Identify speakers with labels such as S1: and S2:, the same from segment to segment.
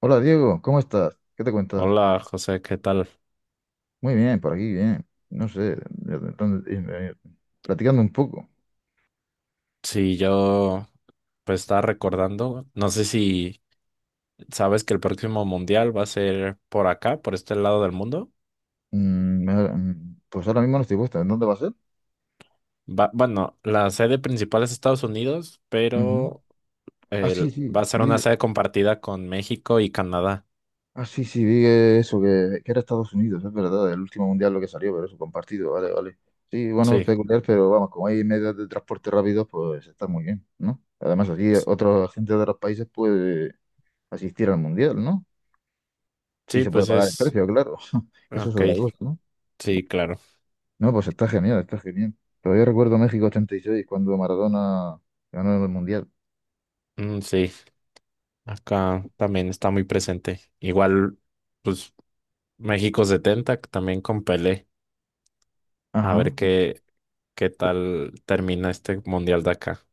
S1: Hola Diego, ¿cómo estás? ¿Qué te cuentas?
S2: Hola José, ¿qué tal?
S1: Muy bien, por aquí, bien. No sé, platicando un poco.
S2: Sí, yo pues estaba recordando, no sé si sabes que el próximo mundial va a ser por acá, por este lado del mundo.
S1: Pues ahora mismo no estoy puesto. ¿En dónde va a ser?
S2: Va, bueno, la sede principal es Estados Unidos,
S1: Ujú.
S2: pero
S1: Ah, sí, sí.
S2: va a ser una sede compartida con México y Canadá.
S1: Ah, sí, sí, vi eso, que era Estados Unidos, es verdad, el último mundial lo que salió, pero eso, compartido, vale, vale. Sí, bueno, es
S2: Sí,
S1: peculiar, pero vamos, como hay medios de transporte rápidos, pues está muy bien, ¿no? Además, aquí
S2: s-
S1: otros agentes de otros países puede asistir al mundial, ¿no? Sí,
S2: sí,
S1: se puede
S2: pues
S1: pagar el
S2: es...
S1: precio, claro. Eso es
S2: Ok,
S1: otra cosa, ¿no?
S2: sí, claro.
S1: No, pues está genial, está genial. Todavía recuerdo México 86 cuando Maradona ganó el Mundial.
S2: Mm, sí, acá también está muy presente. Igual, pues México 70, que también con Pelé. A
S1: Ajá.
S2: ver qué tal termina este mundial de acá.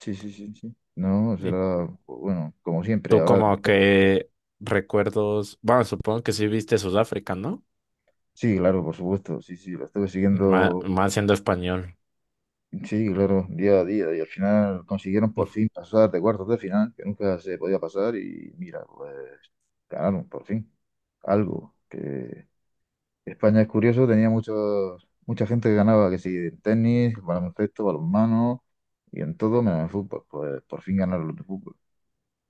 S1: Sí, sí, sí, sí. No,
S2: Y
S1: será, bueno, como siempre,
S2: tú
S1: ahora.
S2: como que recuerdos, bueno, supongo que sí viste Sudáfrica, ¿no?
S1: Sí, claro, por supuesto. Sí, sí, lo estuve siguiendo,
S2: Más, siendo español.
S1: sí, claro, día a día. Y al final consiguieron
S2: Mm.
S1: por fin pasar de cuartos de final, que nunca se podía pasar. Y mira, pues ganaron por fin. Algo que España es curioso, tenía mucha gente que ganaba, que sí, en tenis, baloncesto, balonmano y en todo menos en fútbol. Pues por fin ganaron los de fútbol.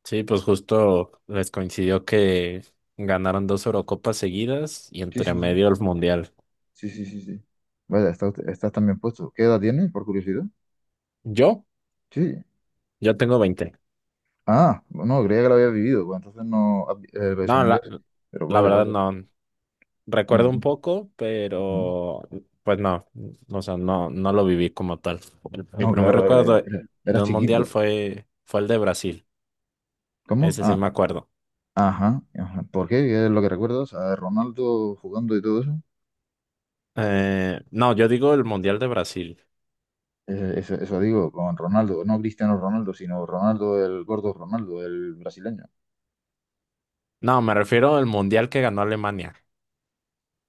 S2: Sí, pues justo les coincidió que ganaron dos Eurocopas seguidas y
S1: Sí,
S2: entre
S1: sí,
S2: medio el mundial.
S1: sí, sí, sí, sí, sí. Vaya, estás también puesto. ¿Qué edad tienes, por curiosidad?
S2: Yo,
S1: Sí.
S2: yo tengo 20.
S1: Ah, no, creía que lo había vivido, pues entonces no, has el beso
S2: No,
S1: mundial. Pero
S2: la
S1: vale,
S2: verdad
S1: vale.
S2: no.
S1: No,
S2: Recuerdo un
S1: no,
S2: poco,
S1: no.
S2: pero pues no, o sea, no lo viví como tal. Mi
S1: No,
S2: primer
S1: claro,
S2: recuerdo de
S1: eras
S2: de un
S1: chiquito.
S2: mundial fue el de Brasil.
S1: ¿Cómo?
S2: Ese sí
S1: Ah,
S2: me acuerdo.
S1: ajá, ajá. ¿Por qué? ¿Qué es lo que recuerdas? A Ronaldo jugando y todo eso.
S2: No, yo digo el Mundial de Brasil.
S1: Eso, eso digo, con Ronaldo, no Cristiano Ronaldo, sino Ronaldo, el gordo Ronaldo, el brasileño.
S2: No, me refiero al Mundial que ganó Alemania.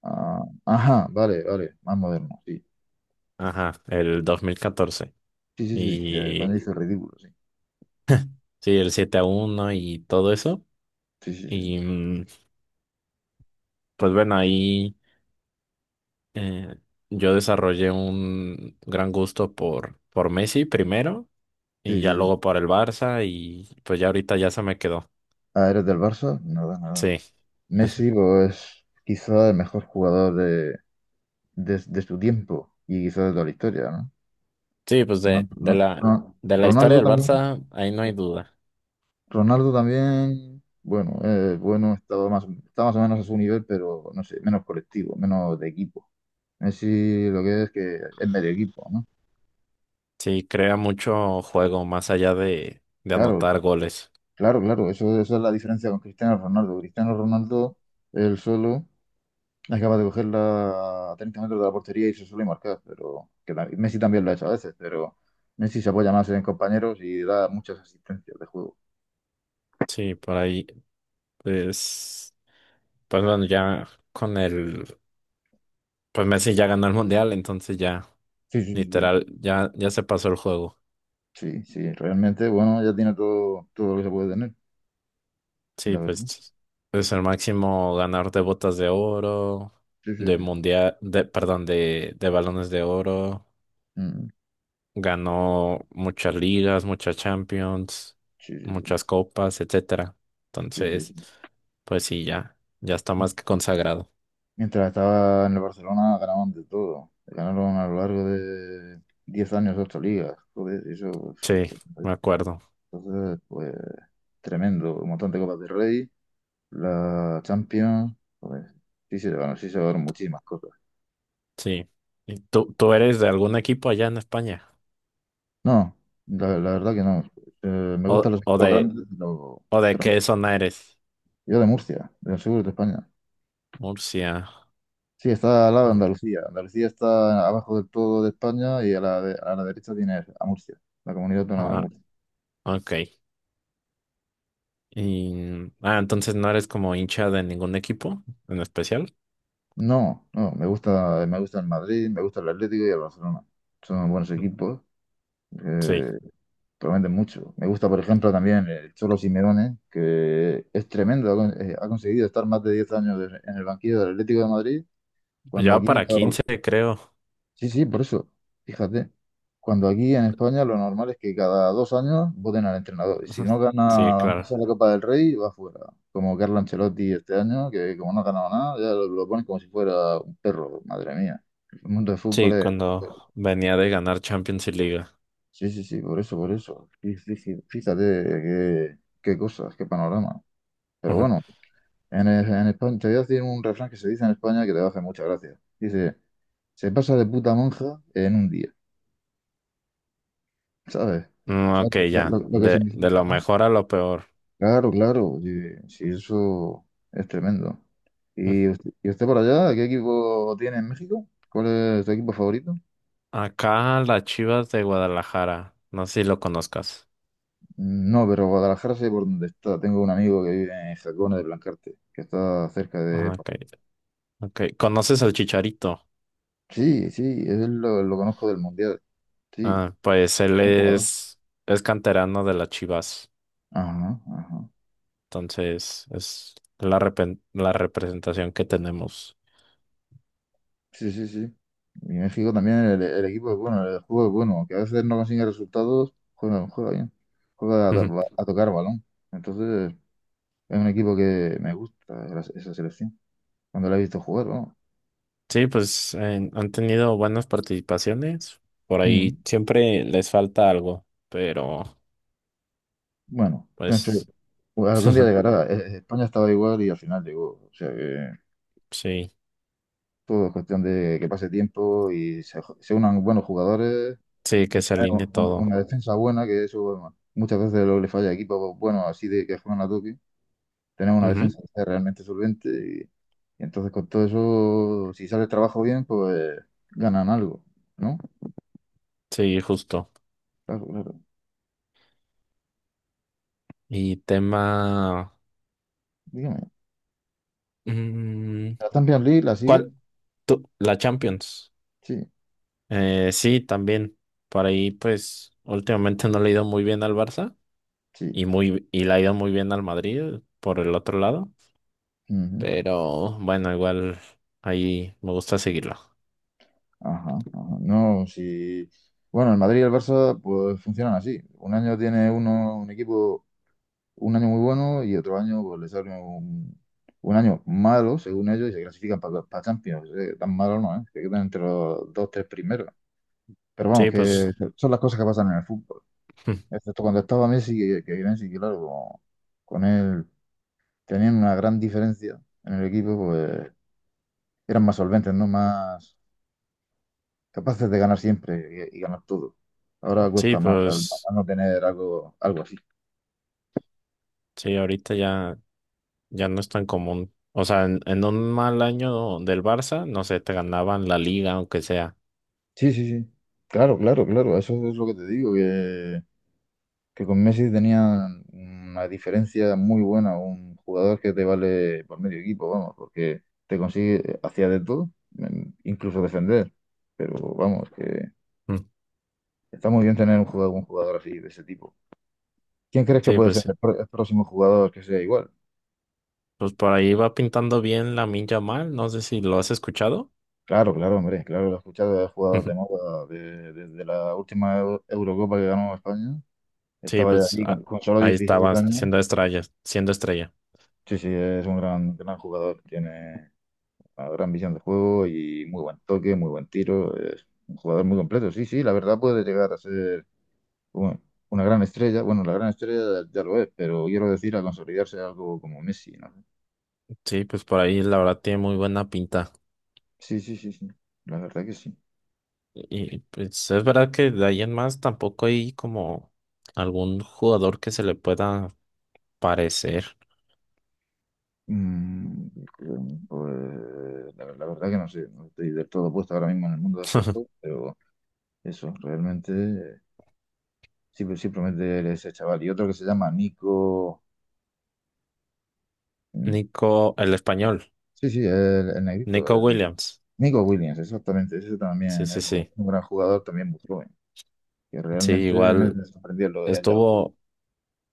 S1: Ah, ajá, vale, vale, más moderno, sí.
S2: Ajá, el 2014.
S1: Sí, sí, sí, el
S2: Y
S1: español hizo el ridículo, sí.
S2: sí, el 7-1 y todo eso.
S1: Sí, sí, sí.
S2: Y pues bueno, ahí eh, yo desarrollé un gran gusto por Messi primero
S1: Sí,
S2: y
S1: sí,
S2: ya
S1: sí.
S2: luego por el Barça y pues ya ahorita ya se me quedó.
S1: Ah, ¿eres del Barça? Nada, nada.
S2: Sí,
S1: Messi, pues, es quizá el mejor jugador de su tiempo y quizá de toda la historia, ¿no?
S2: sí, pues
S1: Ronaldo, ¿no?
S2: de la historia
S1: Ronaldo
S2: del
S1: también.
S2: Barça, ahí no hay duda.
S1: Ronaldo también, bueno, está más o menos a su nivel, pero no sé, menos colectivo, menos de equipo. Messi lo que es medio equipo, ¿no?
S2: Sí, crea mucho juego más allá de
S1: Claro,
S2: anotar goles.
S1: claro, claro, eso es la diferencia con Cristiano Ronaldo. Cristiano Ronaldo, él solo, acaba de cogerla a 30 metros de la portería y se suele marcar, pero que Messi también lo ha hecho a veces, pero Messi se apoya más en compañeros y da muchas asistencias de juego.
S2: Sí, por ahí, pues, pues bueno, ya con el, pues Messi ya ganó el mundial, entonces ya,
S1: Sí, sí, sí,
S2: literal, ya se pasó el juego.
S1: sí, sí, sí, realmente, bueno, ya tiene todo, todo lo que se puede tener, la
S2: Sí,
S1: verdad.
S2: pues es el máximo ganador de botas de oro,
S1: Sí, sí,
S2: de
S1: sí.
S2: mundial, perdón, de balones de oro.
S1: Mm,
S2: Ganó muchas ligas, muchas Champions,
S1: sí, sí,
S2: muchas copas, etcétera.
S1: sí, sí,
S2: Entonces, pues sí, ya está
S1: sí.
S2: más que consagrado.
S1: Mientras estaba en el Barcelona ganaban de todo. Ganaron a lo largo de 10 años ocho ligas. Joder, eso,
S2: Sí,
S1: pues,
S2: me acuerdo.
S1: entonces, pues tremendo. Un montón de Copas del Rey, la Champions. Joder, sí se llevaron muchísimas cosas.
S2: Sí. ¿Y tú eres de algún equipo allá en España?
S1: No, la verdad que no. Me gustan
S2: ¿O,
S1: los
S2: o
S1: equipos
S2: de,
S1: grandes, pero
S2: o de qué zona eres?
S1: yo de Murcia, del sur de España.
S2: Murcia.
S1: Sí, está al lado de
S2: Ah,
S1: Andalucía. Andalucía está abajo del todo de España y a la derecha tiene a Murcia, la comunidad autónoma de
S2: ah,
S1: Murcia.
S2: ok. Y, ah, entonces no eres como hincha de ningún equipo en especial.
S1: No, no, me gusta el Madrid, me gusta el Atlético y el Barcelona. Son buenos equipos,
S2: Sí.
S1: eh, prometen mucho. Me gusta, por ejemplo, también el Cholo Simeone, que es tremendo, ha conseguido estar más de 10 años en el banquillo del Atlético de Madrid, cuando
S2: Ya
S1: aquí
S2: para 15 creo.
S1: sí, sí, por eso. Fíjate, cuando aquí en España lo normal es que cada 2 años voten al entrenador. Y si no
S2: Sí,
S1: gana aunque sea
S2: claro.
S1: la Copa del Rey, va fuera. Como Carlo Ancelotti este año, que como no ha ganado nada, ya lo ponen como si fuera un perro. Madre mía. El mundo del fútbol
S2: Sí,
S1: bueno,
S2: cuando venía de ganar Champions y Liga.
S1: sí, sí, sí, por eso, por eso. Sí, sí, sí. Fíjate qué cosas, qué panorama. Pero
S2: Ujú.
S1: bueno, en España, te voy a decir un refrán que se dice en España que te va a hacer mucha gracia. Dice, se pasa de puta monja en un día. ¿Sabes?
S2: Mm,
S1: O
S2: ok,
S1: lo,
S2: ya.
S1: lo- lo que
S2: De
S1: significa,
S2: lo
S1: ¿no?
S2: mejor a lo peor.
S1: Claro, claro, oye, sí, eso es tremendo.
S2: Mm.
S1: ¿Y usted por allá, qué equipo tiene en México? ¿Cuál es tu equipo favorito?
S2: Acá las Chivas de Guadalajara. No sé si lo conozcas.
S1: No, pero Guadalajara sé por dónde está. Tengo un amigo que vive en Jacona de Blancarte, que está cerca de
S2: Ah,
S1: por
S2: ok,
S1: ahí.
S2: ok. ¿Conoces al Chicharito?
S1: Sí, sí, él lo conozco del Mundial. Sí,
S2: Ah, pues él
S1: buen jugador.
S2: es canterano de las Chivas.
S1: Ajá, ajá.
S2: Entonces, es la representación que tenemos.
S1: Sí, sí, sí. Y México también, el equipo es bueno, el juego es bueno, que a veces no consigue resultados, juega bien, juega
S2: Ujú.
S1: a tocar balón. Entonces, es un equipo que me gusta esa selección, cuando la he visto jugar, ¿no?
S2: Sí, pues han tenido buenas participaciones. Por
S1: Mm.
S2: ahí siempre les falta algo, pero
S1: Bueno, en fin,
S2: pues.
S1: pues algún día llegará. España estaba igual y al final llegó. O sea que
S2: Sí,
S1: todo es cuestión de que pase tiempo y se unan buenos jugadores
S2: sí,
S1: y
S2: que se
S1: tener
S2: alinee
S1: una,
S2: todo.
S1: una defensa buena, que eso bueno, muchas veces lo que le falla a equipos buenos así de que juegan a toque. Tenemos una defensa
S2: Ujú.
S1: que sea realmente solvente y entonces con todo eso, si sale el trabajo bien, pues ganan algo, ¿no?
S2: Sí, justo.
S1: Claro, claro.
S2: Y tema...
S1: Dígame,
S2: mm,
S1: ¿la Champions League la sigue?
S2: ¿Cuál? Tú, la Champions.
S1: Sí,
S2: Sí, también. Por ahí, pues, últimamente no le ha ido muy bien al Barça
S1: sí.
S2: y le ha ido muy bien al Madrid por el otro lado.
S1: Ujú.
S2: Pero bueno, igual ahí me gusta seguirlo.
S1: Ajá, ajá. No, si... bueno, el Madrid y el Barça pues funcionan así. Un año tiene uno, un equipo, un año muy bueno y otro año pues le sale un año malo, según ellos, y se clasifican para Champions. Tan malo no, ¿eh? Se quedan entre los dos, tres primeros. Pero vamos,
S2: Sí, pues,
S1: que son las cosas que pasan en el fútbol. Excepto cuando estaba Messi, que Messi, claro, como con él tenían una gran diferencia en el equipo, pues eran más solventes, ¿no? Más capaces de ganar siempre y ganar todo. Ahora
S2: sí,
S1: cuesta más al,
S2: pues,
S1: al no tener algo, algo así.
S2: sí, ahorita ya. Ya no es tan común. O sea, en un mal año del Barça, no sé, te ganaban la liga, aunque sea.
S1: Sí, sí, sí. Claro, claro, claro. Eso es lo que te digo, que con Messi tenían una diferencia muy buena, un jugador que te vale por medio equipo, vamos, porque te consigue, hacía de todo, incluso defender. Pero vamos,
S2: mm,
S1: está muy bien tener un jugador así de ese tipo. ¿Quién crees que
S2: Sí,
S1: puede ser
S2: pues,
S1: el próximo jugador que sea igual?
S2: por ahí va pintando bien la Lamine mal no sé si lo has escuchado.
S1: Claro, claro, hombre, claro, lo he escuchado, he jugado de
S2: Ujú.
S1: moda desde la última Eurocopa que ganó España.
S2: Sí,
S1: Estaba ya
S2: pues
S1: allí con solo
S2: ahí
S1: 16
S2: estaba
S1: años.
S2: siendo estrella, siendo estrella.
S1: Sí, sí, es un gran, gran jugador, tiene una gran visión de juego y muy buen toque, muy buen tiro. Es un jugador muy completo. Sí, sí, la verdad puede llegar a ser un- una gran estrella. Bueno, la gran estrella ya lo es, pero quiero decir a consolidarse algo como Messi, ¿no?
S2: Sí, pues por ahí la verdad tiene muy buena pinta.
S1: Sí, sí, sí, sí. La verdad que sí.
S2: Y pues es verdad que de ahí en más tampoco hay como algún jugador que se le pueda parecer.
S1: Mm, pues, la verdad que no sé, no estoy del todo puesto ahora mismo en el mundo del fútbol, pero eso, realmente sí, pues sí promete ese chaval. Y otro que se llama Nico. Mm,
S2: Nico, el español,
S1: sí, sí, el negrito,
S2: Nico Williams.
S1: Nico Williams, exactamente. Ese
S2: Sí,
S1: también
S2: sí,
S1: es un,
S2: sí.
S1: un gran jugador, también muy joven. Que
S2: Sí,
S1: realmente me,
S2: igual
S1: me sorprendió el Euro.
S2: estuvo,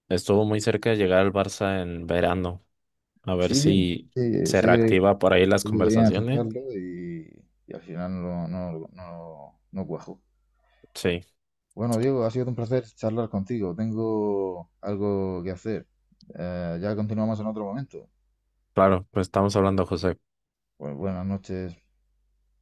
S2: estuvo muy cerca de llegar al Barça en verano. A ver
S1: Sí,
S2: si
S1: sí,
S2: se
S1: sé que,
S2: reactiva por ahí las
S1: sé que querían
S2: conversaciones.
S1: ficharlo y al final no, no, no, no cuajó.
S2: Sí,
S1: Bueno, Diego, ha sido un placer charlar contigo. Tengo algo que hacer. Ya continuamos en otro momento.
S2: claro, pues estamos hablando, José.
S1: Bueno, buenas noches.